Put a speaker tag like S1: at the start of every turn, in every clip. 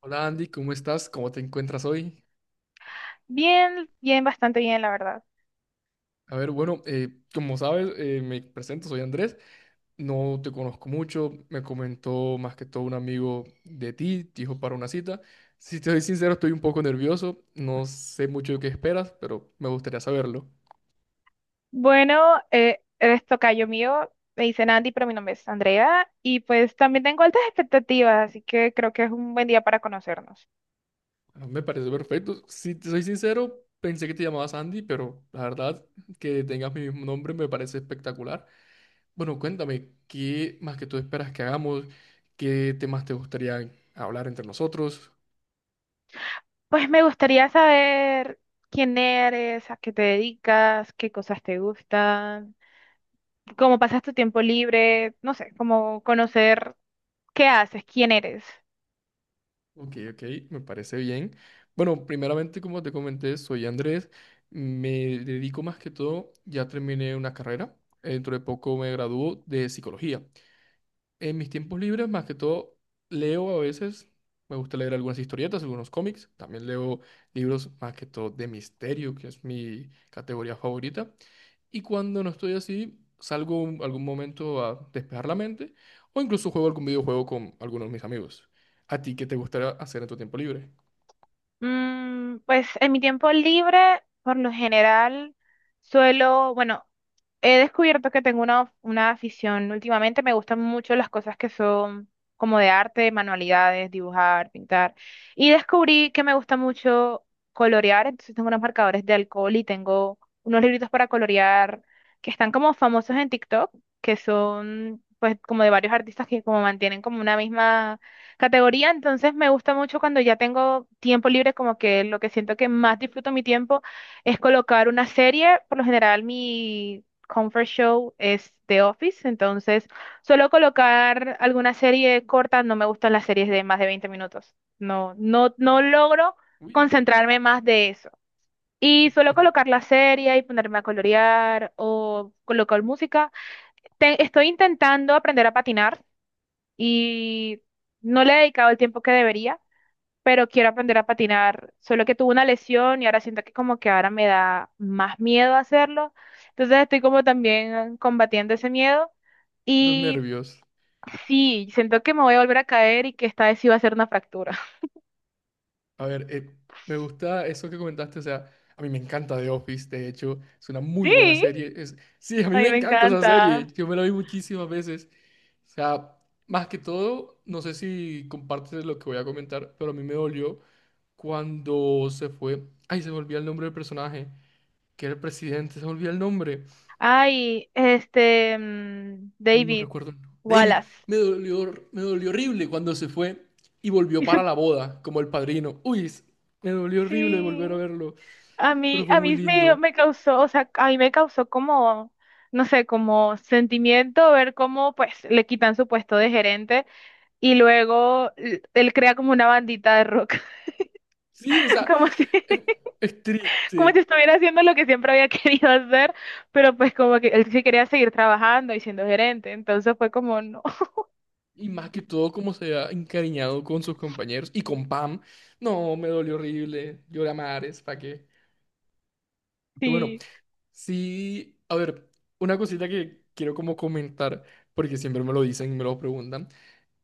S1: Hola Andy, ¿cómo estás? ¿Cómo te encuentras hoy?
S2: Bien, bien, bastante bien, la verdad.
S1: A ver, bueno, como sabes, me presento, soy Andrés, no te conozco mucho, me comentó más que todo un amigo de ti, te dijo para una cita. Si te soy sincero, estoy un poco nervioso, no sé mucho de qué esperas, pero me gustaría saberlo.
S2: Bueno, eres tocayo mío, me dicen Andy, pero mi nombre es Andrea, y pues también tengo altas expectativas, así que creo que es un buen día para conocernos.
S1: Ah, me parece perfecto. Si te soy sincero, pensé que te llamabas Andy, pero la verdad que tengas mi mismo nombre me parece espectacular. Bueno, cuéntame, ¿qué más que tú esperas que hagamos? ¿Qué temas te gustaría hablar entre nosotros?
S2: Pues me gustaría saber quién eres, a qué te dedicas, qué cosas te gustan, cómo pasas tu tiempo libre, no sé, como conocer qué haces, quién eres.
S1: Ok, ok, me parece bien. Bueno, primeramente, como te comenté, soy Andrés. Me dedico más que todo, ya terminé una carrera. Dentro de poco me gradúo de psicología. En mis tiempos libres, más que todo, leo a veces. Me gusta leer algunas historietas, algunos cómics. También leo libros más que todo de misterio, que es mi categoría favorita. Y cuando no estoy así, algún momento a despejar la mente o incluso juego algún videojuego con algunos de mis amigos. ¿A ti qué te gustaría hacer en tu tiempo libre?
S2: Mm, pues en mi tiempo libre, por lo general, suelo, bueno, he descubierto que tengo una afición últimamente, me gustan mucho las cosas que son como de arte, manualidades, dibujar, pintar, y descubrí que me gusta mucho colorear, entonces tengo unos marcadores de alcohol y tengo unos libritos para colorear que están como famosos en TikTok, que son pues como de varios artistas que como mantienen como una misma categoría, entonces me gusta mucho cuando ya tengo tiempo libre, como que lo que siento que más disfruto mi tiempo es colocar una serie. Por lo general, mi comfort show es The Office, entonces suelo colocar alguna serie corta, no me gustan las series de más de 20 minutos. No, no, no logro
S1: Uy,
S2: concentrarme más de eso. Y suelo
S1: espe-
S2: colocar la serie y ponerme a colorear o colocar música. Estoy intentando aprender a patinar y no le he dedicado el tiempo que debería, pero quiero aprender a patinar, solo que tuve una lesión y ahora siento que como que ahora me da más miedo hacerlo, entonces estoy como también combatiendo ese miedo
S1: esos
S2: y
S1: nervios.
S2: sí, siento que me voy a volver a caer y que esta vez sí va a ser una fractura.
S1: A ver, me gusta eso que comentaste, o sea, a mí me encanta The Office, de hecho, es una muy
S2: Sí,
S1: buena serie. Sí, a mí
S2: a
S1: me
S2: mí me
S1: encanta esa serie,
S2: encanta.
S1: yo me la vi muchísimas veces. O sea, más que todo, no sé si compartes lo que voy a comentar, pero a mí me dolió cuando se fue, ay, se me el nombre del personaje, que era el presidente, se me el nombre,
S2: Ay, este,
S1: no
S2: David
S1: recuerdo el nombre. David,
S2: Wallace.
S1: me dolió horrible cuando se fue y volvió para la boda, como el padrino. Me dolió horrible volver a
S2: Sí.
S1: verlo.
S2: A
S1: Pero
S2: mí,
S1: fue
S2: a
S1: muy
S2: mí me,
S1: lindo.
S2: me causó, o sea, a mí me causó como, no sé, como sentimiento ver cómo pues le quitan su puesto de gerente y luego él crea como una bandita de rock,
S1: Sí, o sea,
S2: como si,
S1: es, es
S2: como si
S1: triste.
S2: estuviera haciendo lo que siempre había querido hacer, pero pues como que él sí quería seguir trabajando y siendo gerente, entonces fue como, no,
S1: Y más que todo, como se ha encariñado con sus compañeros y con Pam. No, me dolió horrible. Lloré a mares, ¿para qué? Pero bueno,
S2: sí,
S1: sí. A ver, una cosita que quiero como comentar, porque siempre me lo dicen y me lo preguntan.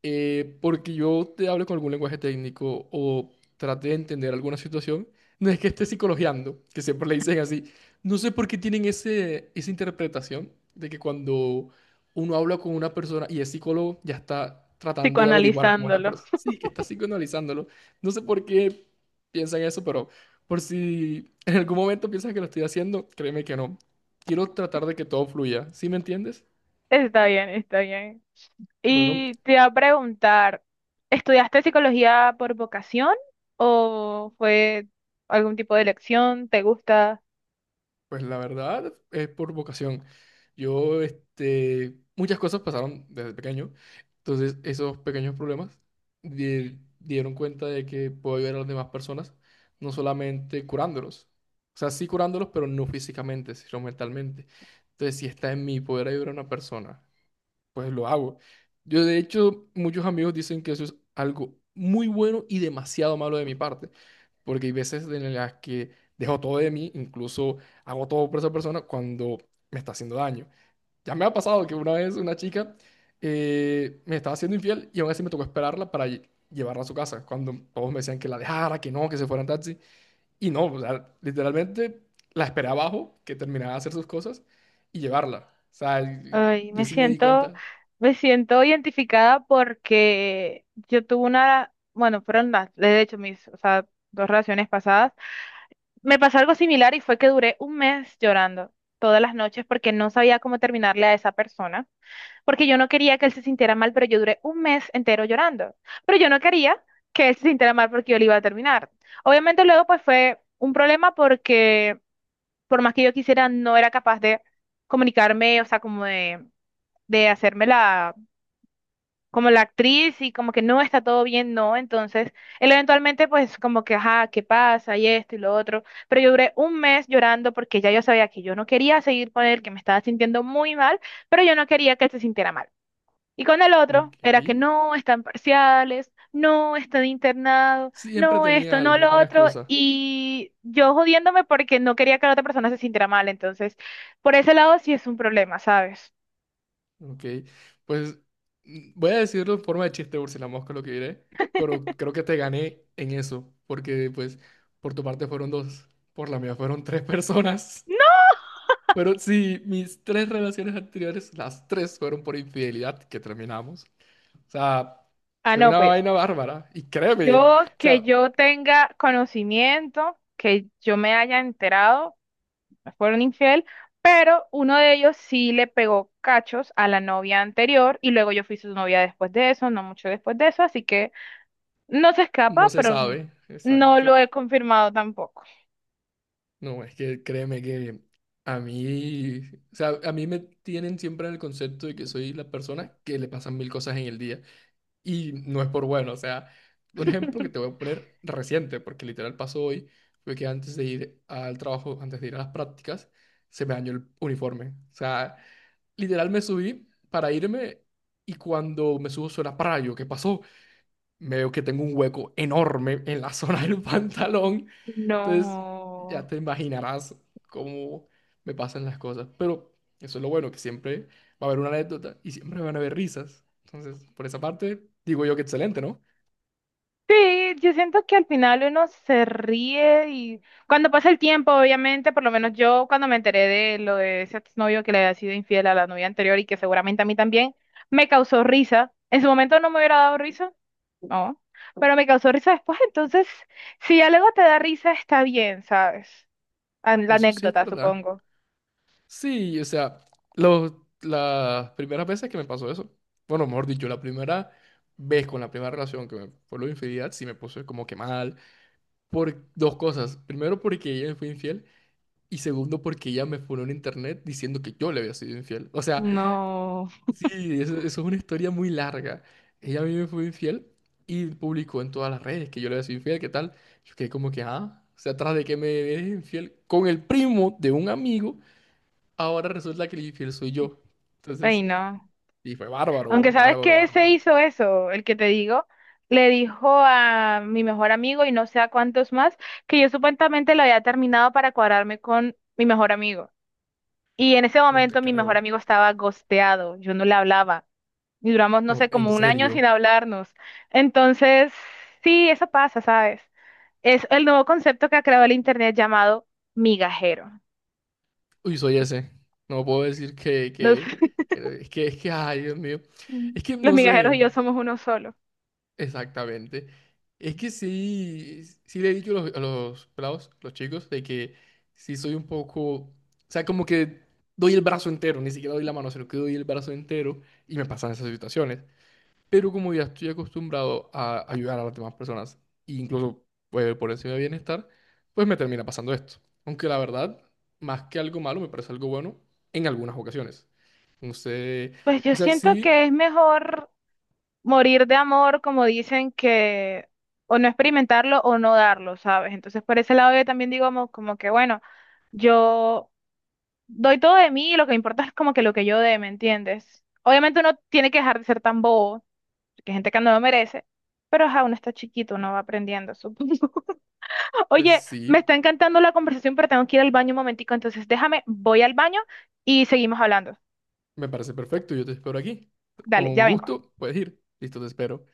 S1: Porque yo te hablo con algún lenguaje técnico o trate de entender alguna situación, no es que esté psicologiando, que siempre le dicen así. No sé por qué tienen esa interpretación de que cuando uno habla con una persona y es psicólogo, ya está tratando de averiguar cómo es la
S2: psicoanalizándolo.
S1: persona. Sí, que está psicoanalizándolo. No sé por qué piensan eso, pero por si en algún momento piensan que lo estoy haciendo, créeme que no. Quiero tratar de que todo fluya. ¿Sí me entiendes?
S2: Está bien, está bien.
S1: Bueno,
S2: Y te iba a preguntar, ¿estudiaste psicología por vocación o fue algún tipo de elección? ¿Te gusta?
S1: pues la verdad es por vocación. Yo, este, muchas cosas pasaron desde pequeño. Entonces, esos pequeños problemas dieron cuenta de que puedo ayudar a las demás personas, no solamente curándolos. O sea, sí curándolos, pero no físicamente, sino mentalmente. Entonces, si está en mi poder ayudar a una persona pues lo hago. Yo, de hecho, muchos amigos dicen que eso es algo muy bueno y demasiado malo de mi parte, porque hay veces en las que dejo todo de mí, incluso hago todo por esa persona cuando me está haciendo daño. Ya me ha pasado que una vez una chica me estaba haciendo infiel y aún así me tocó esperarla para llevarla a su casa, cuando todos me decían que la dejara, que no, que se fuera en taxi. Y no, o sea, literalmente la esperé abajo, que terminara de hacer sus cosas y llevarla. O sea,
S2: Ay,
S1: yo sí me di cuenta.
S2: me siento identificada porque yo tuve una, bueno, fueron las, de hecho, mis, o sea, dos relaciones pasadas. Me pasó algo similar y fue que duré un mes llorando todas las noches porque no sabía cómo terminarle a esa persona. Porque yo no quería que él se sintiera mal, pero yo duré un mes entero llorando. Pero yo no quería que él se sintiera mal porque yo le iba a terminar. Obviamente luego pues fue un problema porque por más que yo quisiera, no era capaz de comunicarme, o sea, como de hacerme la, como la actriz y como que no está todo bien, no. Entonces, él eventualmente pues como que, ajá, ¿qué pasa? Y esto y lo otro. Pero yo duré un mes llorando porque ya yo sabía que yo no quería seguir con él, que me estaba sintiendo muy mal, pero yo no quería que él se sintiera mal. Y con el otro
S1: Ok.
S2: era que no están parciales, no están internado,
S1: Siempre
S2: no esto,
S1: tenía
S2: no
S1: algo,
S2: lo
S1: una
S2: otro.
S1: excusa.
S2: Y yo jodiéndome porque no quería que la otra persona se sintiera mal. Entonces, por ese lado sí es un problema, ¿sabes?
S1: Ok. Pues mm, voy a decirlo en forma de chiste, Úrsula Mosca, lo que diré, pero creo que te gané en eso, porque pues por tu parte fueron dos, por la mía fueron tres personas.
S2: No.
S1: Pero sí, mis tres relaciones anteriores, las tres fueron por infidelidad que terminamos. O sea,
S2: Ah,
S1: fue
S2: no,
S1: una
S2: pues
S1: vaina bárbara. Y créeme,
S2: yo
S1: o
S2: que
S1: sea,
S2: yo tenga conocimiento, que yo me haya enterado, me fueron infiel, pero uno de ellos sí le pegó cachos a la novia anterior y luego yo fui su novia después de eso, no mucho después de eso, así que no se
S1: no
S2: escapa,
S1: se
S2: pero
S1: sabe,
S2: no
S1: exacto.
S2: lo he confirmado tampoco.
S1: No, es que créeme que a mí, o sea, a mí me tienen siempre en el concepto de que soy la persona que le pasan mil cosas en el día. Y no es por bueno, o sea, un ejemplo que te voy a poner reciente, porque literal pasó hoy, fue que antes de ir al trabajo, antes de ir a las prácticas, se me dañó el uniforme. O sea, literal me subí para irme y cuando me subo suena para yo, ¿qué pasó? Me veo que tengo un hueco enorme en la zona del pantalón. Entonces, ya
S2: No.
S1: te imaginarás cómo me pasan las cosas. Pero eso es lo bueno, que siempre va a haber una anécdota y siempre van a haber risas. Entonces, por esa parte, digo yo que excelente, ¿no?
S2: Sí, yo siento que al final uno se ríe y cuando pasa el tiempo, obviamente, por lo menos yo cuando me enteré de lo de ese exnovio que le había sido infiel a la novia anterior y que seguramente a mí también, me causó risa. En su momento no me hubiera dado risa, no, pero me causó risa después, entonces, si algo te da risa, está bien, ¿sabes? La
S1: Eso sí es
S2: anécdota,
S1: verdad.
S2: supongo.
S1: Sí, o sea, las primeras veces que me pasó eso, bueno, mejor dicho, la primera vez con la primera relación que me fue lo de infidelidad, sí me puse como que mal. Por dos cosas. Primero, porque ella me fue infiel. Y segundo, porque ella me fue en internet diciendo que yo le había sido infiel. O sea,
S2: No.
S1: sí, eso es una historia muy larga. Ella a mí me fue infiel y publicó en todas las redes que yo le había sido infiel, ¿qué tal? Yo quedé como que, ah, o sea, tras de que me eres infiel con el primo de un amigo, ahora resulta que el infiel soy yo.
S2: Ay,
S1: Entonces,
S2: no.
S1: y fue bárbaro,
S2: Aunque sabes
S1: bárbaro,
S2: que se
S1: bárbaro.
S2: hizo eso, el que te digo, le dijo a mi mejor amigo y no sé a cuántos más, que yo supuestamente lo había terminado para cuadrarme con mi mejor amigo. Y en ese
S1: No te
S2: momento mi mejor
S1: creo,
S2: amigo estaba gosteado, yo no le hablaba. Y duramos, no
S1: no,
S2: sé, como
S1: en
S2: un año sin
S1: serio.
S2: hablarnos. Entonces, sí, eso pasa, ¿sabes? Es el nuevo concepto que ha creado el internet llamado migajero.
S1: Uy, soy ese. No puedo decir que,
S2: Los,
S1: que, que, es que, ay, Dios mío. Es que,
S2: los
S1: no
S2: migajeros y
S1: sé,
S2: yo somos uno solo.
S1: exactamente. Es que sí, sí le he dicho a a los pelados, los chicos, de que sí soy un poco, o sea, como que doy el brazo entero, ni siquiera doy la mano, sino que doy el brazo entero y me pasan esas situaciones. Pero como ya estoy acostumbrado a ayudar a las demás personas, e incluso pues, por encima de bienestar, pues me termina pasando esto. Aunque la verdad, más que algo malo, me parece algo bueno en algunas ocasiones. Entonces,
S2: Pues yo
S1: o sea,
S2: siento
S1: sí,
S2: que es mejor morir de amor, como dicen que o no experimentarlo o no darlo, ¿sabes? Entonces, por ese lado yo también digo como, como que, bueno, yo doy todo de mí y lo que importa es como que lo que yo dé, ¿me entiendes? Obviamente uno tiene que dejar de ser tan bobo, que hay gente que no lo merece, pero ajá, uno está chiquito, uno va aprendiendo, supongo.
S1: pues
S2: Oye, me
S1: sí.
S2: está encantando la conversación, pero tengo que ir al baño un momentico, entonces déjame, voy al baño y seguimos hablando.
S1: Me parece perfecto, yo te espero aquí.
S2: Dale,
S1: Con
S2: ya vengo.
S1: gusto, puedes ir. Listo, te espero.